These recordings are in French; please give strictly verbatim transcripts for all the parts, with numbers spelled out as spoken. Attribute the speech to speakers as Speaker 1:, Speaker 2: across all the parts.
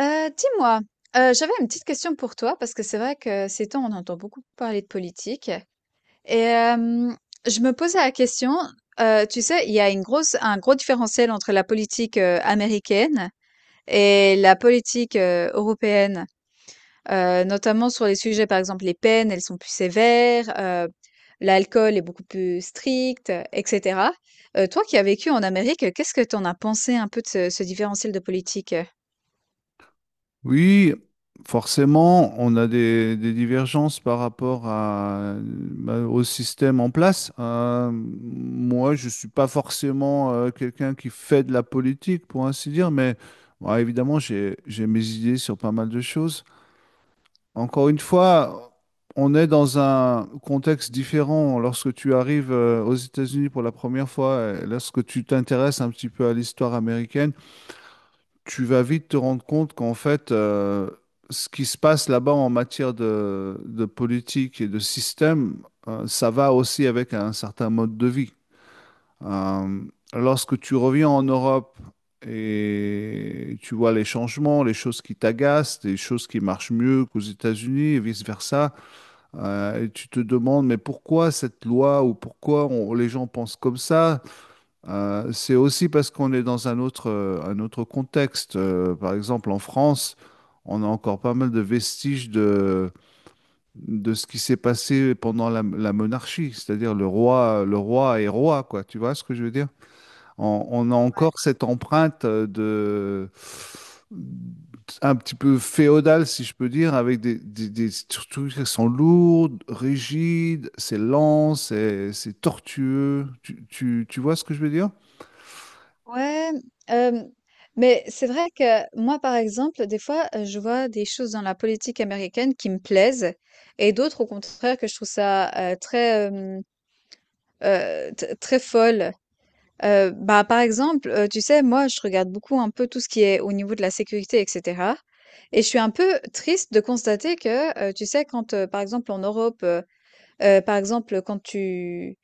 Speaker 1: Heu, dis-moi, heu, j'avais une petite question pour toi parce que c'est vrai que ces temps, on entend beaucoup parler de politique et hem, je me posais la question. Heu, tu sais, il y a une grosse un gros différentiel entre la politique, heu, américaine et la politique, heu, européenne, heu, notamment sur les sujets, par exemple, les peines, elles sont plus sévères, heu, l'alcool est beaucoup plus strict, euh, et cetera. Heu, toi qui as vécu en Amérique, qu'est-ce que tu en as pensé un peu de ce ce différentiel de politique?
Speaker 2: Oui, forcément, on a des, des divergences par rapport à, bah, au système en place. Euh, moi, je ne suis pas forcément euh, quelqu'un qui fait de la politique, pour ainsi dire, mais bon, évidemment, j'ai, j'ai mes idées sur pas mal de choses. Encore une fois, on est dans un contexte différent lorsque tu arrives euh, aux États-Unis pour la première fois, et lorsque tu t'intéresses un petit peu à l'histoire américaine. Tu vas vite te rendre compte qu'en fait, euh, ce qui se passe là-bas en matière de, de politique et de système, euh, ça va aussi avec un certain mode de vie. Euh, Lorsque tu reviens en Europe et tu vois les changements, les choses qui t'agacent, les choses qui marchent mieux qu'aux États-Unis et vice-versa, euh, et tu te demandes, mais pourquoi cette loi ou pourquoi on- les gens pensent comme ça? Euh, c'est aussi parce qu'on est dans un autre, euh, un autre contexte. Euh, par exemple, en France, on a encore pas mal de vestiges de, de ce qui s'est passé pendant la, la monarchie, c'est-à-dire le roi, le roi est roi, quoi. Tu vois ce que je veux dire? On, on a
Speaker 1: Ouais.
Speaker 2: encore cette empreinte euh, de un petit peu féodale, si je peux dire, avec des, des, des structures qui sont lourdes, rigides, c'est lent, c'est c'est tortueux. Tu, tu, tu vois ce que je veux dire?
Speaker 1: Ouais, hem, mais c'est vrai que moi, par exemple, des fois, heu, je vois des choses dans la politique américaine qui me plaisent, et d'autres, au contraire, que je trouve ça, heu, très, hem, heu, t très folle. Heu, bah, par exemple, heu, tu sais, moi, je regarde beaucoup un peu tout ce qui est au niveau de la sécurité, et cetera, et je suis un peu triste de constater que, heu, tu sais, quand, heu, par exemple, en Europe... heu Heu, Par exemple, quand tu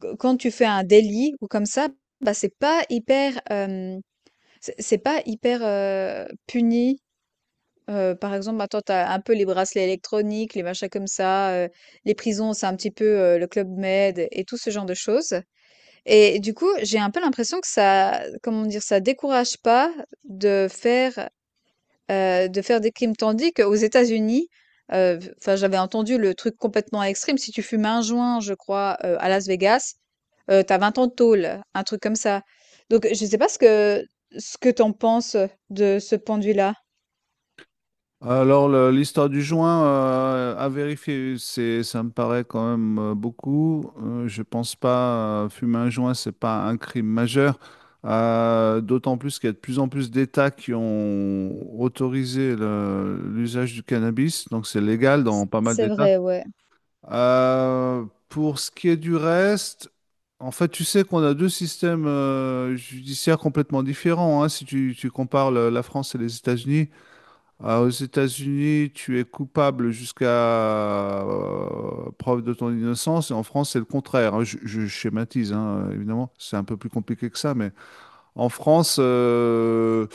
Speaker 1: q quand tu fais un délit ou comme ça, bah, c'est pas hyper, hem, c'est c'est pas hyper, heu, puni. Heu, par exemple, maintenant, tu as un peu les bracelets électroniques, les machins comme ça, heu, les prisons, c'est un petit peu, heu, le Club Med et tout ce genre de choses, et du coup, j'ai un peu l'impression que ça, comment dire? Ça décourage pas de faire... Heu, de faire des crimes, tandis qu'aux États-Unis, heu, enfin, j'avais entendu le truc complètement extrême, si tu fumes un joint, je crois, heu, à Las Vegas, heu, tu as 20 ans de tôle, un truc comme ça. Donc je sais pas ce que ce que t'en penses, de ce point de vue-là?
Speaker 2: Alors, le- l'histoire du joint, euh, à vérifier, c'est, ça me paraît quand même euh, beaucoup. Euh, je pense pas, euh, fumer un joint, c'est pas un crime majeur. Euh, d'autant plus qu'il y a de plus en plus d'États qui ont autorisé le- l'usage du cannabis, donc c'est légal dans pas mal
Speaker 1: C'est
Speaker 2: d'États.
Speaker 1: vrai, ouais.
Speaker 2: Euh, pour ce qui est du reste, en fait, tu sais qu'on a deux systèmes euh, judiciaires complètement différents, hein, si tu, tu compares le- la France et les États-Unis. Ah, aux États-Unis, tu es coupable jusqu'à euh, preuve de ton innocence, et en France, c'est le contraire, hein. Je, je schématise, hein, évidemment, c'est un peu plus compliqué que ça, mais en France, euh,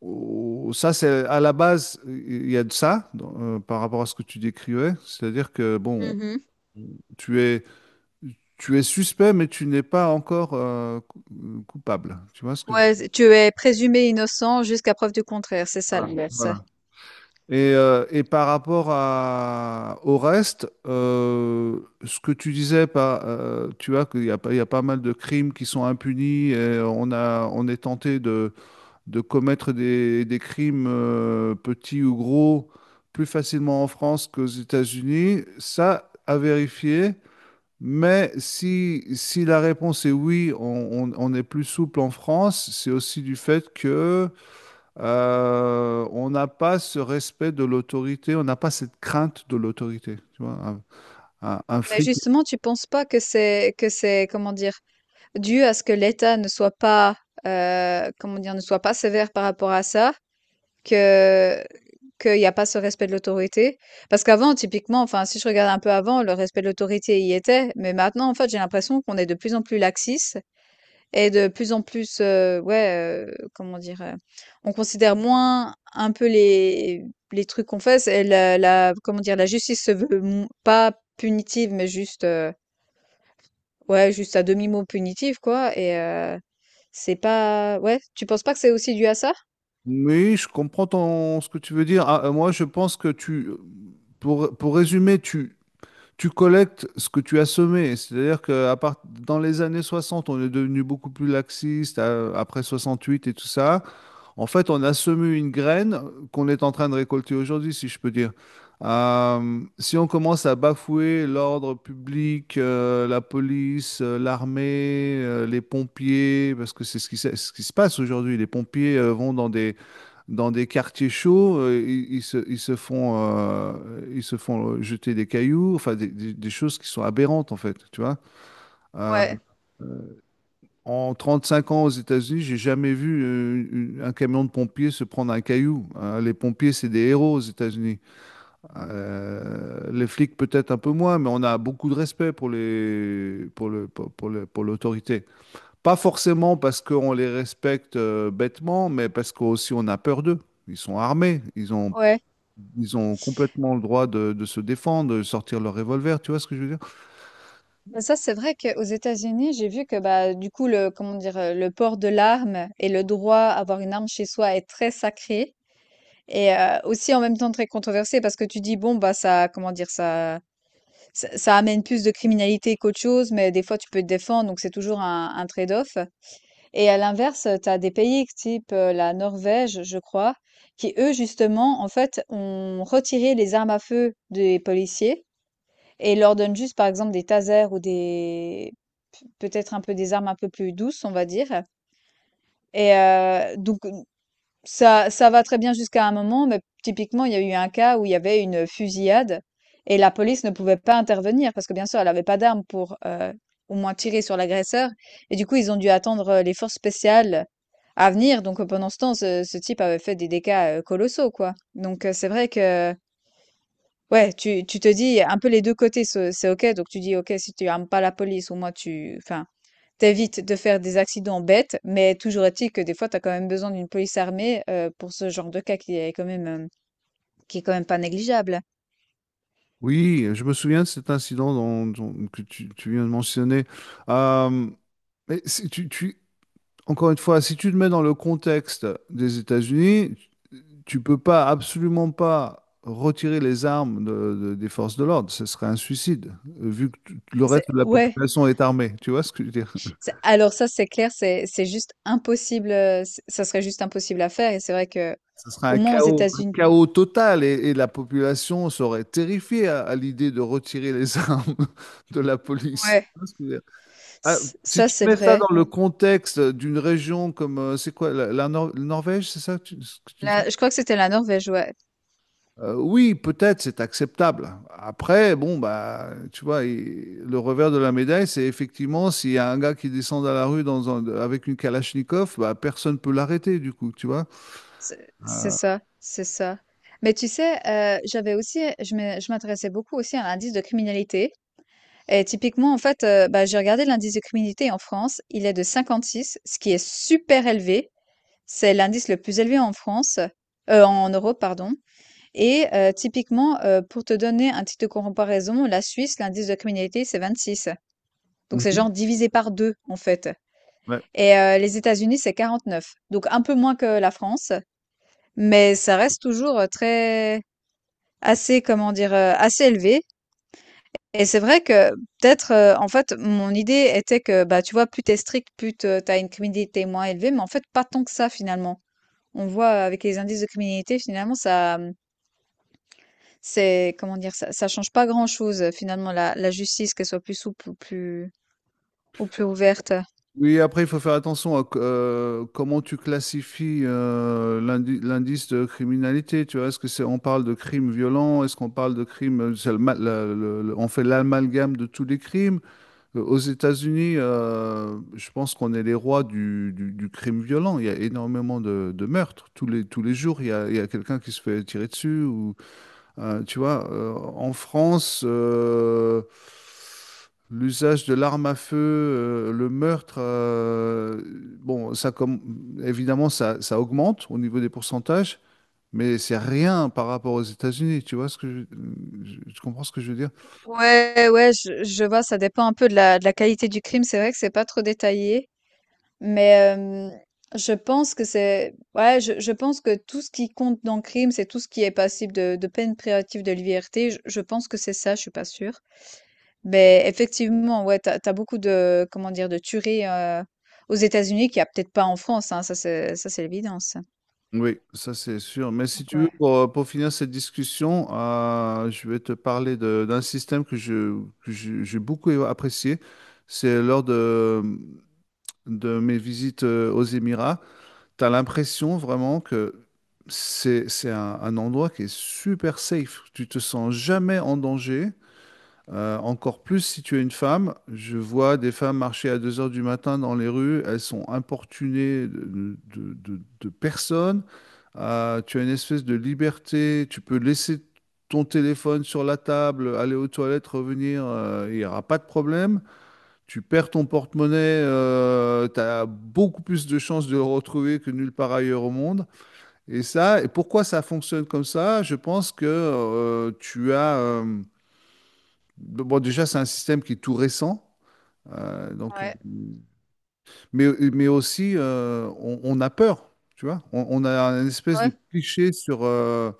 Speaker 2: oh, ça, c'est à la base, il y a de ça dans- euh, par rapport à ce que tu décrivais, c'est-à-dire que, bon,
Speaker 1: Mmh.
Speaker 2: tu es, tu es suspect, mais tu n'es pas encore euh, cou- coupable. Tu vois ce que je.
Speaker 1: Ouais, tu es présumé innocent jusqu'à preuve du contraire, c'est ça l'inverse.
Speaker 2: Et, euh, et par rapport à, au reste, euh, ce que tu disais, pas, euh, tu vois qu'il y a, pas- il y a pas mal de crimes qui sont impunis et on a, on est tenté de, de commettre des, des crimes euh, petits ou gros plus facilement en France qu'aux États-Unis. Ça, à vérifier. Mais si, si la réponse est oui, on, on- on est plus souple en France, c'est aussi du fait que euh, on n'a pas ce respect de l'autorité, on n'a pas cette crainte de l'autorité, tu vois, un, un- un
Speaker 1: Mais
Speaker 2: flic.
Speaker 1: justement, tu penses pas que c'est que c'est, comment dire, dû à ce que l'État ne soit pas, euh, comment dire, ne soit pas sévère par rapport à ça, que qu'il n'y a pas ce respect de l'autorité, parce qu'avant, typiquement, enfin, si je regarde un peu avant, le respect de l'autorité y était, mais maintenant, en fait, j'ai l'impression qu'on est de plus en plus laxiste. Et de plus en plus, heu, ouais, heu, comment dire? Heu, on considère moins un peu les les trucs qu'on fait. C'est la la, comment dire? La justice se veut m pas punitive, mais juste, heu, ouais, juste à demi-mot punitive, quoi. Et heu, c'est pas ouais, tu penses pas que c'est aussi dû à ça?
Speaker 2: Oui, je comprends ton, ce que tu veux dire. Ah, euh, moi, je pense que tu, pour, pour résumer, tu, tu collectes ce que tu as semé. C'est-à-dire que à part, dans les années soixante, on est devenu beaucoup plus laxiste, euh, après huit et tout ça. En fait, on a semé une graine qu'on est en train de récolter aujourd'hui, si je peux dire. Euh, si on commence à bafouer l'ordre public, euh, la police, euh, l'armée, euh, les pompiers, parce que c'est ce qui, se ce qui se passe aujourd'hui, les pompiers euh, vont dans des, dans des quartiers chauds, euh, ils, ils se, ils se font, euh, ils se font jeter des cailloux, enfin des, des- des choses qui sont aberrantes en fait, tu vois. Euh,
Speaker 1: Ouais.
Speaker 2: en trente-cinq ans aux États-Unis, j'ai jamais vu euh, une- un camion de pompiers se prendre un caillou, hein. Les pompiers, c'est des héros aux États-Unis. Euh, les flics, peut-être un peu moins, mais on a beaucoup de respect pour les, pour le, pour, pour le- pour l'autorité. Pas forcément parce qu'on les respecte euh, bêtement, mais parce qu'aussi on a peur d'eux. Ils sont armés, ils ont,
Speaker 1: Ouais. Ouais.
Speaker 2: Ils ont complètement le droit de, de se défendre, de sortir leur revolver. Tu vois ce que je veux dire?
Speaker 1: Bah, ça, c'est vrai qu'aux États-Unis, j'ai vu que, bah du coup le comment dire, heu, le port de l'arme et le droit à avoir une arme chez soi est très sacré, et heu, aussi en même temps très controversé parce que tu dis: «Bon, bah, ça, comment dire? Ça ça ça amène plus de criminalité qu'autre chose, mais des fois tu peux te défendre, donc c'est toujours un un trade-off», et à l'inverse, tu as des pays type, heu, la Norvège, je crois, qui eux justement, en fait, ont retiré les armes à feu des policiers, et leur donne juste, par exemple, des tasers, ou des peut-être un peu des armes un peu plus douces, on va dire. Et heu, donc ça ça va très bien jusqu'à un moment, mais typiquement, il y a eu un cas où il y avait une fusillade, et la police ne pouvait pas intervenir parce que, bien sûr, elle avait pas d'armes pour, heu, au moins tirer sur l'agresseur, et du coup, ils ont dû attendre, heu, les forces spéciales à venir. Donc euh, pendant ce temps, ce ce type avait fait des dégâts, heu, colossaux, quoi. Donc heu, c'est vrai que... Ouais, tu tu te dis un peu les deux côtés, ce c'est OK. Donc tu dis: «OK, si tu armes pas la police, au moins tu enfin, t'évites de faire des accidents bêtes», mais toujours est-il que des fois, tu as quand même besoin d'une police armée, heu, pour ce genre de cas qui est quand même, hem, qui est quand même pas négligeable.
Speaker 2: Oui, je me souviens de cet incident dont- dont- que tu, tu viens de mentionner. Euh, Mais si tu, tu- encore une fois, si tu te mets dans le contexte des États-Unis, tu peux pas, absolument pas retirer les armes de- de- des forces de l'ordre. Ce serait un suicide, euh, vu que tout- le
Speaker 1: C'est
Speaker 2: reste de la
Speaker 1: ouais,
Speaker 2: population est armée. Tu vois ce que je veux dire?
Speaker 1: c'est Alors ça, c'est clair, c'est c'est juste impossible. Heu, ç Ça serait juste impossible à faire, et c'est vrai que...
Speaker 2: Ce serait
Speaker 1: Au
Speaker 2: un
Speaker 1: moins aux
Speaker 2: chaos, un
Speaker 1: États-Unis.
Speaker 2: chaos total et, et la population serait terrifiée à, à l'idée de retirer les armes de la police. Tu
Speaker 1: Ouais,
Speaker 2: vois ce que je veux dire.
Speaker 1: ç
Speaker 2: Ah, si
Speaker 1: ça,
Speaker 2: tu
Speaker 1: c'est
Speaker 2: mets ça
Speaker 1: vrai.
Speaker 2: dans le contexte d'une région comme, euh, c'est quoi, la, la Nor- Norvège, c'est ça que tu- ce que tu.
Speaker 1: Là, je crois que c'était la Norvège, ouais.
Speaker 2: Euh, oui, peut-être c'est acceptable. Après, bon, bah, tu vois, il- le revers de la médaille, c'est effectivement s'il y a un gars qui descend dans la rue dans un- avec une Kalachnikov, bah, personne ne peut l'arrêter, du coup, tu vois.
Speaker 1: C'est c'est ça, c'est ça. Mais tu sais, heu, j'avais aussi je me je m'intéressais beaucoup aussi à l'indice de criminalité, et typiquement, en fait, heu, bah, j'ai regardé l'indice de criminalité en France, il est de cinquante-six, ce qui est super élevé. C'est l'indice le plus élevé en France, heu, en Europe, pardon. Et heu, typiquement, heu, pour te donner un titre de comparaison, la Suisse, l'indice de criminalité, c'est vingt-six. Donc c'est
Speaker 2: Mhm.
Speaker 1: genre divisé par deux, en fait.
Speaker 2: Ouais.
Speaker 1: Et heu, les États-Unis, c'est quarante-neuf, donc un peu moins que la France, mais ça reste toujours euh, très assez, comment dire, euh, assez élevé. Et c'est vrai que peut-être euh, en fait, mon idée était que, bah, tu vois, plus t'es strict, plus te- t'as une criminalité moins élevée, mais en fait pas tant que ça, finalement. On voit, euh, avec les indices de criminalité, finalement ça euh, c'est comment dire ça, ça change pas grand-chose, euh, finalement, la, la justice, qu'elle soit plus souple ou plus ou plus ouverte.
Speaker 2: Oui, après, il faut faire attention à c- euh, comment tu classifies euh, l'indi- l'indice de criminalité. Tu vois, est-ce que c'est on parle de crimes violents, est-ce qu'on parle de crimes, c'est le ma- le- le- le- on fait l'amalgame de tous les crimes. Euh, Aux États-Unis, euh, je pense qu'on est les rois du, du- du crime violent. Il y a énormément de, de meurtres. Tous les, tous les jours, il y a, il y a quelqu'un qui se fait tirer dessus. Ou, euh, tu vois, euh, en France, euh, l'usage de l'arme à feu, euh, le meurtre, euh, bon, ça comme, évidemment, ça, ça augmente au niveau des pourcentages, mais c'est rien par rapport aux États-Unis. Tu vois ce que je, je- tu comprends ce que je veux dire?
Speaker 1: Ouais, ouais, je je vois, ça dépend un peu de la de la qualité du crime. C'est vrai que c'est pas trop détaillé, mais hem, je pense que c'est ouais, je je pense que tout ce qui compte dans le crime, c'est tout ce qui est passible de de peine privative de liberté. Je je pense que c'est ça, je suis pas sûre. Mais effectivement, ouais, t'as as beaucoup de, comment dire? De tueries, heu, aux États-Unis qu'il y a peut-être pas en France, hein, ça c'est ça c'est l'évidence.
Speaker 2: Oui, ça c'est sûr. Mais si
Speaker 1: Donc
Speaker 2: tu veux,
Speaker 1: ouais,
Speaker 2: pour, pour finir cette discussion, euh, je vais te parler de- d'un système que je, que je- j'ai beaucoup apprécié. C'est lors de, de mes visites euh, aux Émirats. Tu as l'impression vraiment que c'est, c'est un, un endroit qui est super safe. Tu te sens jamais en danger. Euh, encore plus si tu es une femme, je vois des femmes marcher à deux heures du matin dans les rues, elles sont importunées de, de- de- de personnes. Euh, tu as une espèce de liberté, tu peux laisser ton téléphone sur la table, aller aux toilettes, revenir, euh, il n'y aura pas de problème. Tu perds ton porte-monnaie, tu as beaucoup plus de chances de le retrouver que nulle part ailleurs au monde. Et ça, et pourquoi ça fonctionne comme ça? Je pense que euh, tu as... euh, bon, déjà, c'est un système qui est tout récent. Euh, donc, euh,
Speaker 1: ouais.
Speaker 2: mais, mais aussi, euh, on, on a peur, tu vois. On, on a une espèce
Speaker 1: Ouais,
Speaker 2: de cliché sur, euh,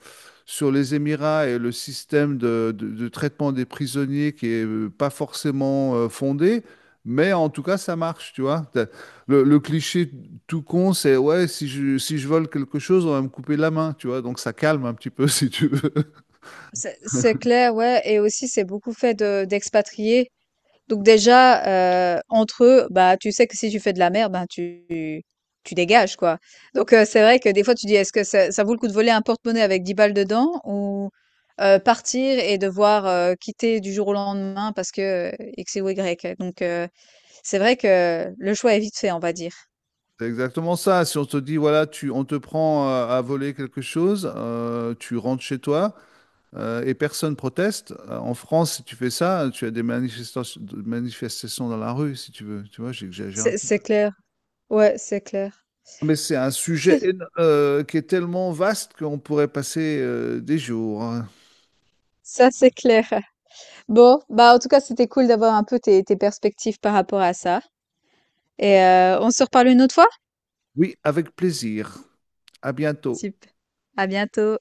Speaker 2: sur les Émirats et le système de, de- de traitement des prisonniers qui est euh, pas forcément euh, fondé. Mais en tout cas, ça marche, tu vois. T'as. Le, le cliché tout con, c'est ouais, si je, si je vole quelque chose, on va me couper la main, tu vois. Donc ça calme un petit peu, si tu veux.
Speaker 1: c'est c'est clair, ouais, et aussi c'est beaucoup fait de d'expatriés. Donc déjà, heu, entre eux, bah, tu sais que si tu fais de la merde, ben, tu tu dégages, quoi. Donc heu, c'est vrai que des fois tu dis: «Est-ce que ça ça vaut le coup de voler un porte-monnaie avec dix balles dedans, ou, heu, partir et devoir, heu, quitter du jour au lendemain parce que, heu, X ou Y?» Donc heu c'est vrai que le choix est vite fait, on va dire.
Speaker 2: C'est exactement ça. Si on te dit, voilà, tu, on te prend euh, à, voler quelque chose, euh, tu rentres chez toi euh, et personne proteste. Euh, En France, si tu fais ça, tu as des manifestations, manifestations dans la rue, si tu veux. Tu vois, j'exagère un
Speaker 1: C'est
Speaker 2: petit peu.
Speaker 1: c'est clair. Ouais, c'est clair.
Speaker 2: Mais c'est un sujet
Speaker 1: Si.
Speaker 2: éno- euh, qui est tellement vaste qu'on pourrait passer euh, des jours, hein.
Speaker 1: Ça, c'est clair. Bon, bah, en tout cas, c'était cool d'avoir un peu tes, tes perspectives par rapport à ça. Et euh, on se reparle une autre fois?
Speaker 2: Oui, avec plaisir. À bientôt.
Speaker 1: Super. À bientôt.